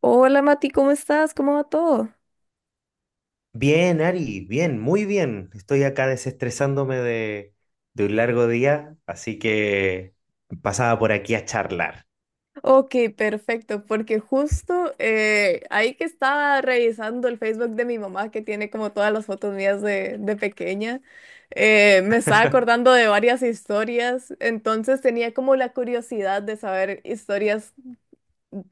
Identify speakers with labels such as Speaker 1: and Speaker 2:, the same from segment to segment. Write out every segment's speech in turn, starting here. Speaker 1: Hola Mati, ¿cómo estás? ¿Cómo va todo?
Speaker 2: Bien, Ari, bien, muy bien. Estoy acá desestresándome de un largo día, así que pasaba por aquí a charlar.
Speaker 1: Ok, perfecto, porque justo ahí que estaba revisando el Facebook de mi mamá, que tiene como todas las fotos mías de pequeña, me estaba acordando de varias historias, entonces tenía como la curiosidad de saber historias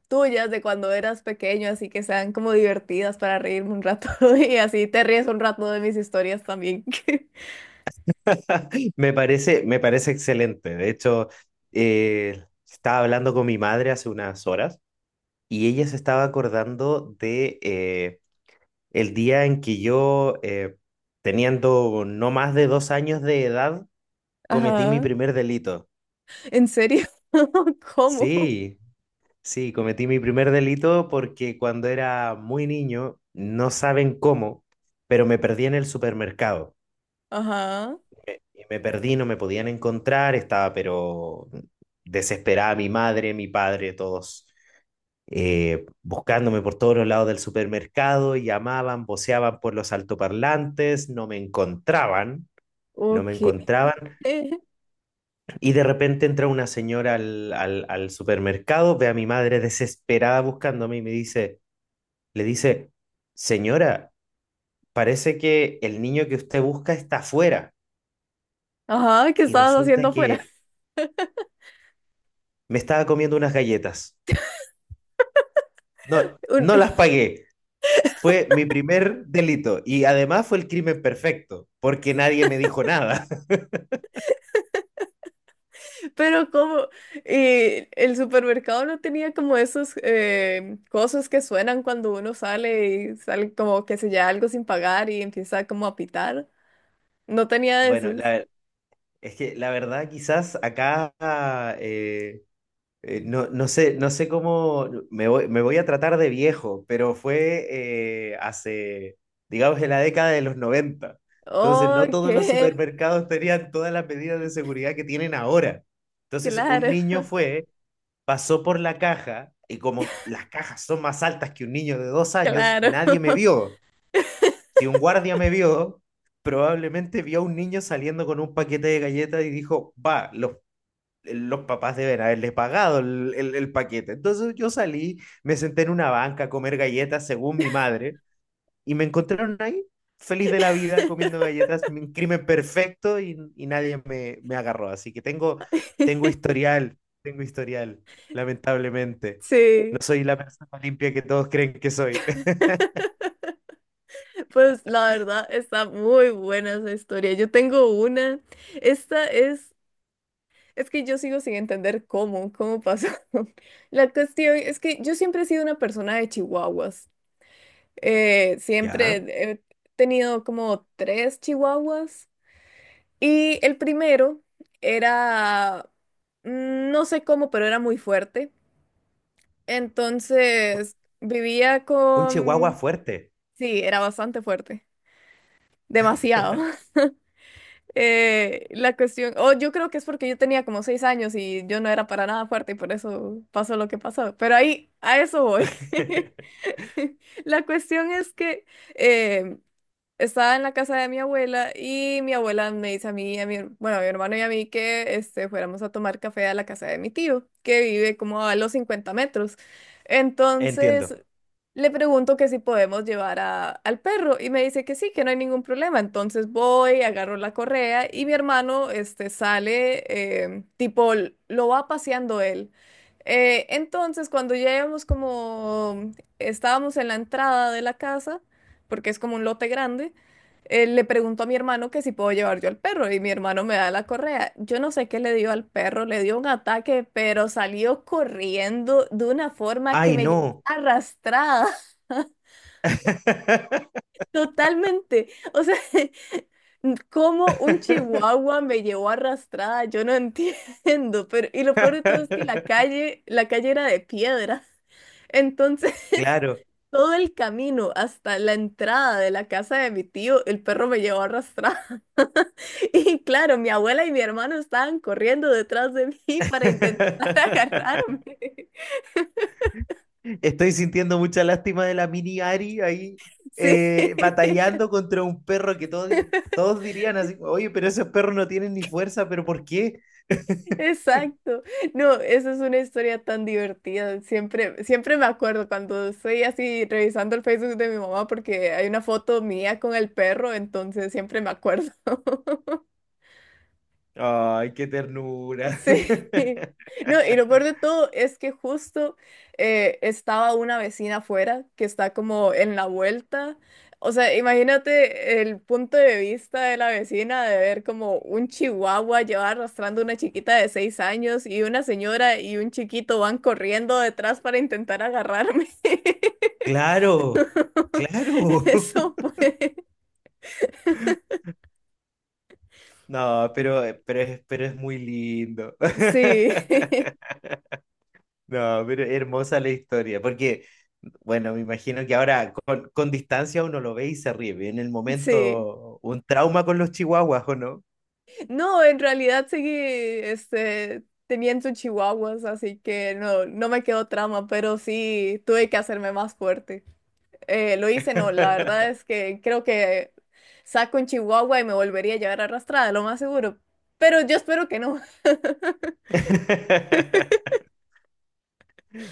Speaker 1: tuyas de cuando eras pequeño, así que sean como divertidas para reírme un rato y así te ríes un rato de mis historias también.
Speaker 2: Me parece excelente. De hecho, eh, estaba hablando con mi madre hace unas horas y ella se estaba acordando de el día en que yo, teniendo no más de 2 años de edad, cometí mi
Speaker 1: Ajá,
Speaker 2: primer delito.
Speaker 1: ¿en serio? ¿Cómo?
Speaker 2: Sí. Sí, cometí mi primer delito porque cuando era muy niño, no saben cómo, pero me perdí en el supermercado.
Speaker 1: Ajá.
Speaker 2: Y me perdí, no me podían encontrar, estaba pero desesperada mi madre, mi padre, todos buscándome por todos los lados del supermercado, llamaban, voceaban por los altoparlantes, no me encontraban, no me
Speaker 1: Ok.
Speaker 2: encontraban. Y de repente entra una señora al supermercado, ve a mi madre desesperada buscándome y me dice. Le dice, señora, parece que el niño que usted busca está afuera
Speaker 1: Ajá, ¿qué
Speaker 2: y
Speaker 1: estabas
Speaker 2: resulta
Speaker 1: haciendo afuera?
Speaker 2: que me estaba comiendo unas galletas. No,
Speaker 1: Un-
Speaker 2: no las pagué. Fue mi primer delito y además fue el crimen perfecto porque nadie me dijo nada.
Speaker 1: pero como el supermercado no tenía como esos cosas que suenan cuando uno sale y sale como que se lleva algo sin pagar y empieza como a pitar. No tenía
Speaker 2: Bueno,
Speaker 1: esos.
Speaker 2: es que la verdad quizás acá eh, no, no sé, no sé cómo, me voy a tratar de viejo, pero fue hace, digamos, en la década de los noventa. Entonces, no
Speaker 1: Ok,
Speaker 2: todos los supermercados tenían todas las medidas de seguridad que tienen ahora. Entonces, un
Speaker 1: claro,
Speaker 2: niño fue, pasó por la caja, y como las cajas son más altas que un niño de dos años,
Speaker 1: claro.
Speaker 2: nadie me vio. Si un guardia me vio, probablemente vio a un niño saliendo con un paquete de galletas y dijo, va, los papás deben haberle pagado el paquete. Entonces yo salí, me senté en una banca a comer galletas según mi madre y me encontraron ahí, feliz de la vida, comiendo galletas, un crimen perfecto y nadie me agarró. Así que tengo historial, tengo historial, lamentablemente. No
Speaker 1: Sí.
Speaker 2: soy la persona limpia que todos creen que soy.
Speaker 1: Pues la verdad está muy buena esa historia. Yo tengo una. Esta es que yo sigo sin entender cómo pasó. La cuestión es que yo siempre he sido una persona de chihuahuas. Siempre
Speaker 2: Ya,
Speaker 1: he tenido como tres chihuahuas. Y el primero era, no sé cómo, pero era muy fuerte. Entonces vivía
Speaker 2: un chihuahua
Speaker 1: con.
Speaker 2: fuerte.
Speaker 1: Sí, era bastante fuerte. Demasiado. La cuestión, o yo creo que es porque yo tenía como 6 años y yo no era para nada fuerte y por eso pasó lo que pasó. Pero ahí, a eso voy. La cuestión es que eh, estaba en la casa de mi abuela y mi abuela me dice a mí, y bueno, a mi hermano y a mí que este, fuéramos a tomar café a la casa de mi tío, que vive como a los 50 metros.
Speaker 2: Entiendo.
Speaker 1: Entonces le pregunto que si podemos llevar al perro y me dice que sí, que no hay ningún problema. Entonces voy, agarro la correa y mi hermano este, sale, tipo, lo va paseando él. Entonces cuando ya íbamos como, estábamos en la entrada de la casa, porque es como un lote grande, le pregunto a mi hermano que si puedo llevar yo al perro y mi hermano me da la correa. Yo no sé qué le dio al perro, le dio un ataque, pero salió corriendo de una forma que
Speaker 2: Ay,
Speaker 1: me llevó
Speaker 2: no.
Speaker 1: arrastrada. Totalmente. O sea, cómo un chihuahua me llevó arrastrada, yo no entiendo. Pero, y lo peor de todo es que la calle, la calle era de piedra. Entonces,
Speaker 2: Claro.
Speaker 1: todo el camino hasta la entrada de la casa de mi tío, el perro me llevó arrastrada. Y claro, mi abuela y mi hermano estaban corriendo detrás de mí para intentar agarrarme.
Speaker 2: Estoy sintiendo mucha lástima de la mini Ari ahí
Speaker 1: Sí.
Speaker 2: batallando contra un perro que todos dirían así, oye, pero esos perros no tienen ni fuerza, pero ¿por qué?
Speaker 1: Exacto. No, esa es una historia tan divertida. Siempre, siempre me acuerdo cuando estoy así revisando el Facebook de mi mamá porque hay una foto mía con el perro, entonces siempre me acuerdo.
Speaker 2: Ay, qué ternura.
Speaker 1: Sí. No, y lo peor de todo es que justo estaba una vecina afuera que está como en la vuelta. O sea, imagínate el punto de vista de la vecina de ver como un chihuahua lleva arrastrando una chiquita de 6 años y una señora y un chiquito van corriendo detrás para intentar agarrarme.
Speaker 2: Claro, claro.
Speaker 1: Eso fue.
Speaker 2: No, pero es muy lindo.
Speaker 1: Sí,
Speaker 2: No, pero hermosa la historia, porque, bueno, me imagino que ahora con distancia uno lo ve y se ríe. En el
Speaker 1: sí.
Speaker 2: momento, un trauma con los chihuahuas, ¿o no?
Speaker 1: No, en realidad seguí este, teniendo chihuahuas, así que no me quedó trama, pero sí tuve que hacerme más fuerte. Lo hice, no, la verdad es que creo que saco un chihuahua y me volvería a llevar arrastrada, lo más seguro. Pero yo espero que no.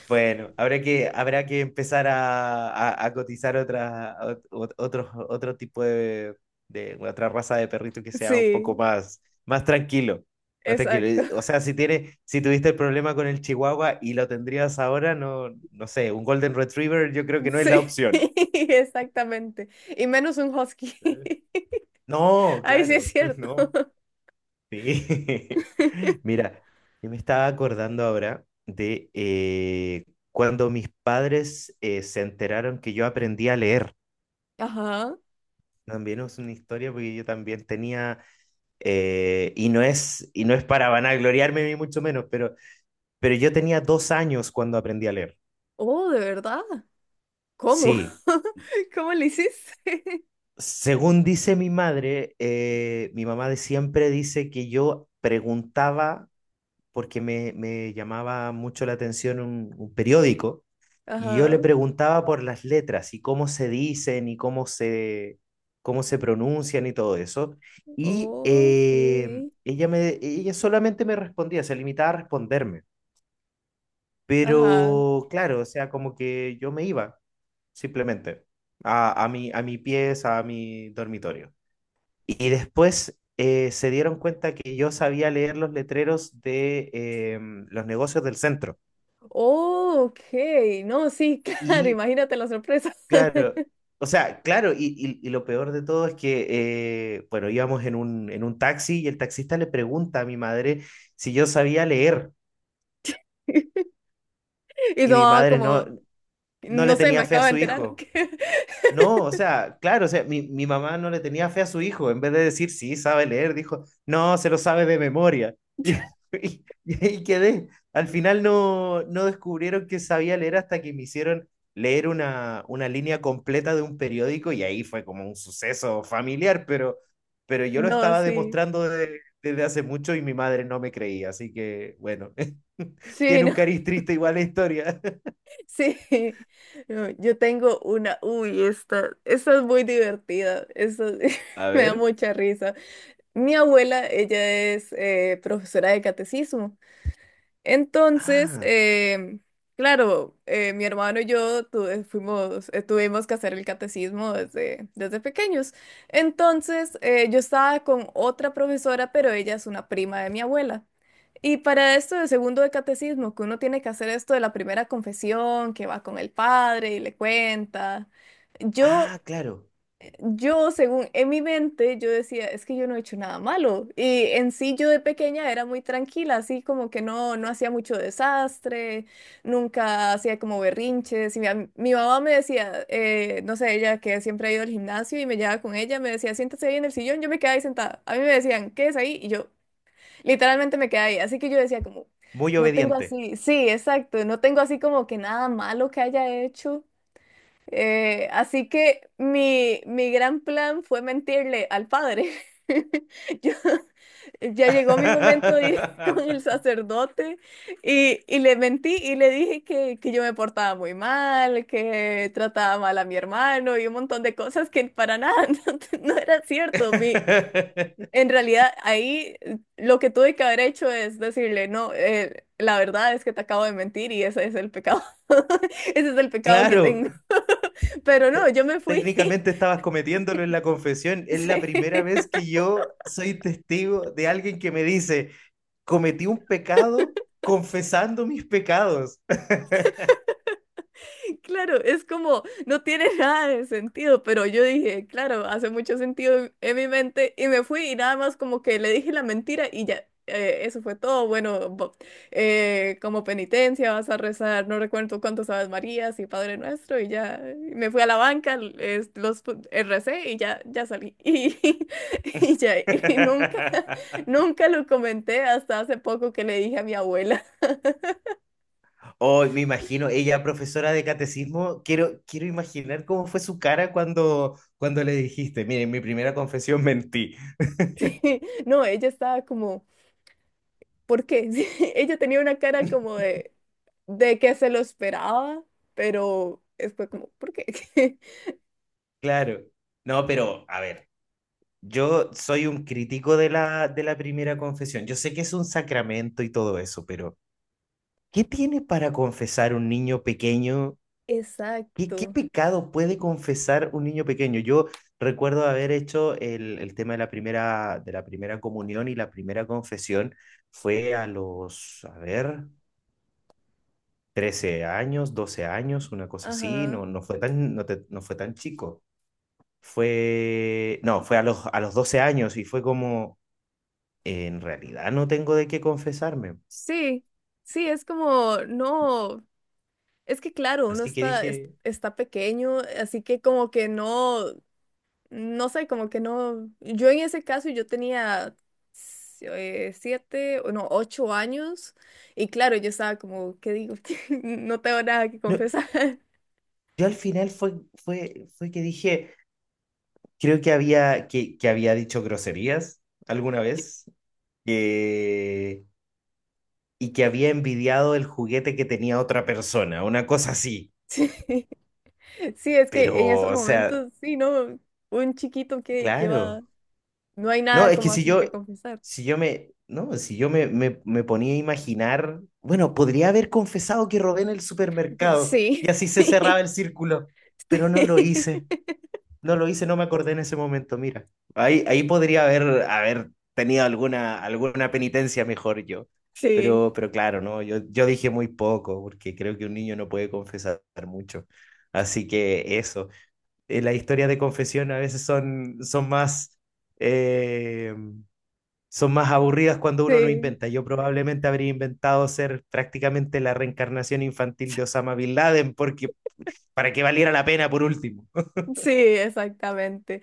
Speaker 2: Bueno, habrá que empezar a cotizar otro tipo de otra raza de perrito que sea un poco
Speaker 1: Sí,
Speaker 2: más, más tranquilo. Más tranquilo.
Speaker 1: exacto.
Speaker 2: O sea, si tuviste el problema con el Chihuahua y lo tendrías ahora, no, no sé, un Golden Retriever yo creo que no es la
Speaker 1: Sí,
Speaker 2: opción.
Speaker 1: exactamente. Y menos un husky.
Speaker 2: No,
Speaker 1: Ahí sí es
Speaker 2: claro,
Speaker 1: cierto.
Speaker 2: no. Sí. Mira, yo me estaba acordando ahora de cuando mis padres se enteraron que yo aprendí a leer.
Speaker 1: Ajá.
Speaker 2: También es una historia porque yo también tenía, y no es para vanagloriarme ni mucho menos, pero yo tenía 2 años cuando aprendí a leer.
Speaker 1: Oh, ¿de verdad? ¿Cómo?
Speaker 2: Sí,
Speaker 1: ¿Cómo le hiciste?
Speaker 2: según dice mi madre, mi mamá de siempre dice que yo preguntaba porque me llamaba mucho la atención un periódico y yo le
Speaker 1: Ajá.
Speaker 2: preguntaba por las letras y cómo se dicen y cómo se pronuncian y todo eso. Y
Speaker 1: Ok.
Speaker 2: ella solamente me respondía, se limitaba a responderme.
Speaker 1: Ajá.
Speaker 2: Pero claro, o sea, como que yo me iba simplemente a mi pieza, a mi dormitorio. Y después se dieron cuenta que yo sabía leer los letreros de los negocios del centro.
Speaker 1: Ok. No, sí, claro,
Speaker 2: Y
Speaker 1: imagínate la sorpresa.
Speaker 2: claro, o sea, claro, y lo peor de todo es que, bueno, íbamos en un taxi y el taxista le pregunta a mi madre si yo sabía leer
Speaker 1: Y su
Speaker 2: y mi
Speaker 1: mamá
Speaker 2: madre
Speaker 1: como,
Speaker 2: no le
Speaker 1: no sé, me
Speaker 2: tenía fe a
Speaker 1: acabo de
Speaker 2: su
Speaker 1: enterar.
Speaker 2: hijo. No, o sea, claro, o sea, mi mamá no le tenía fe a su hijo. En vez de decir, sí, sabe leer, dijo, no, se lo sabe de memoria. Y, y- y ahí quedé. Al final no descubrieron que sabía leer hasta que me hicieron leer una línea completa de un periódico y ahí fue como un suceso familiar, pero yo lo
Speaker 1: No,
Speaker 2: estaba
Speaker 1: sí.
Speaker 2: demostrando desde hace mucho y mi madre no me creía. Así que, bueno,
Speaker 1: Sí,
Speaker 2: tiene un
Speaker 1: no,
Speaker 2: cariz triste igual la historia.
Speaker 1: sí. No, yo tengo una, uy, esta es muy divertida. Esta
Speaker 2: A
Speaker 1: me da
Speaker 2: ver.
Speaker 1: mucha risa. Mi abuela, ella es profesora de catecismo. Entonces,
Speaker 2: Ah,
Speaker 1: claro, mi hermano y yo fuimos, tuvimos que hacer el catecismo desde pequeños. Entonces, yo estaba con otra profesora, pero ella es una prima de mi abuela. Y para esto del segundo de catecismo, que uno tiene que hacer esto de la primera confesión, que va con el padre y le cuenta. Yo
Speaker 2: ah, claro.
Speaker 1: yo, según en mi mente, yo decía, es que yo no he hecho nada malo. Y en sí, yo de pequeña era muy tranquila, así como que no hacía mucho desastre, nunca hacía como berrinches. Y mi mamá me decía, no sé, ella que siempre ha ido al gimnasio y me llevaba con ella, me decía, siéntese ahí en el sillón, yo me quedaba ahí sentada. A mí me decían, ¿qué es ahí? Y yo literalmente me quedaba ahí. Así que yo decía como,
Speaker 2: Muy
Speaker 1: no tengo
Speaker 2: obediente.
Speaker 1: así, sí, exacto, no tengo así como que nada malo que haya hecho. Así que mi gran plan fue mentirle al padre. Yo- ya llegó mi momento de ir con el sacerdote y, le mentí y le dije que, yo me portaba muy mal, que trataba mal a mi hermano y un montón de cosas que para nada no era cierto. En realidad ahí lo que tuve que haber hecho es decirle, no, la verdad es que te acabo de mentir y ese es el pecado. Ese es el pecado que
Speaker 2: Claro,
Speaker 1: tengo. Pero no, yo me fui.
Speaker 2: técnicamente estabas cometiéndolo en la confesión. Es la
Speaker 1: Sí,
Speaker 2: primera vez que yo soy testigo de alguien que me dice, cometí un pecado confesando mis pecados.
Speaker 1: claro, es como, no tiene nada de sentido, pero yo dije, claro, hace mucho sentido en mi mente y me fui y nada más como que le dije la mentira y ya, eso fue todo. Bueno, como penitencia vas a rezar, no recuerdo cuántos Aves Marías y Padre Nuestro y ya, y me fui a la banca, recé y ya, ya salí. Y, ya, y nunca, nunca lo comenté hasta hace poco que le dije a mi abuela.
Speaker 2: Oh, me imagino, ella profesora de catecismo, quiero imaginar cómo fue su cara cuando le dijiste, miren, mi primera confesión mentí.
Speaker 1: Sí, no, ella estaba como, ¿por qué? Sí, ella tenía una cara como de que se lo esperaba, pero fue como, ¿por qué?
Speaker 2: Claro. No, pero a ver, yo soy un crítico de la primera confesión. Yo sé que es un sacramento y todo eso, pero ¿qué tiene para confesar un niño pequeño? ¿Qué
Speaker 1: Exacto,
Speaker 2: pecado puede confesar un niño pequeño? Yo recuerdo haber hecho el tema de la primera comunión y la primera confesión fue a ver, 13 años, 12 años, una cosa así.
Speaker 1: ajá.
Speaker 2: No, no fue tan, no, te- no fue tan chico. Fue, no, fue a los 12 años y fue como, en realidad no tengo de qué confesarme.
Speaker 1: Sí, sí, es como, no, es que claro, uno
Speaker 2: Así que
Speaker 1: está, es-
Speaker 2: dije,
Speaker 1: está pequeño, así que como que no. No sé, como que no. Yo en ese caso yo tenía siete, o no, 8 años. Y claro, yo estaba como, ¿qué digo? No tengo nada que
Speaker 2: no,
Speaker 1: confesar.
Speaker 2: yo al final fue, que dije, creo que que había dicho groserías alguna vez eh, y que había envidiado el juguete que tenía otra persona, una cosa así.
Speaker 1: Sí, sí, es que en
Speaker 2: Pero,
Speaker 1: esos
Speaker 2: o sea,
Speaker 1: momentos, sí, ¿no? Un chiquito que
Speaker 2: claro.
Speaker 1: va. No hay
Speaker 2: No,
Speaker 1: nada
Speaker 2: es que
Speaker 1: como así que confesar.
Speaker 2: si yo me ponía a imaginar, bueno, podría haber confesado que robé en el supermercado y
Speaker 1: Sí.
Speaker 2: así se cerraba el círculo, pero no lo hice.
Speaker 1: Sí.
Speaker 2: No lo hice, no me acordé en ese momento, mira. Ahí podría haber tenido alguna penitencia mejor yo.
Speaker 1: Sí.
Speaker 2: Pero claro, ¿no? Yo dije muy poco, porque creo que un niño no puede confesar mucho. Así que eso. Las historias de confesión a veces eh, son más aburridas cuando uno no
Speaker 1: Sí.
Speaker 2: inventa. Yo probablemente habría inventado ser prácticamente la reencarnación infantil de Osama Bin Laden, porque para que valiera la pena por último.
Speaker 1: Sí, exactamente.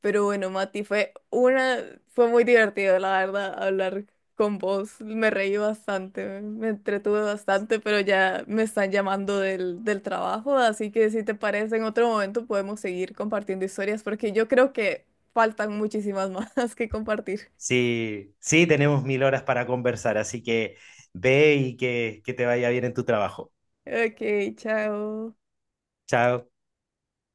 Speaker 1: Pero bueno, Mati, fue muy divertido, la verdad, hablar con vos. Me reí bastante, me entretuve bastante, pero ya me están llamando del trabajo, así que si te parece, en otro momento podemos seguir compartiendo historias, porque yo creo que faltan muchísimas más que compartir.
Speaker 2: Sí, sí, tenemos mil horas para conversar, así que ve y que te vaya bien en tu trabajo.
Speaker 1: Ok, chao.
Speaker 2: Chao.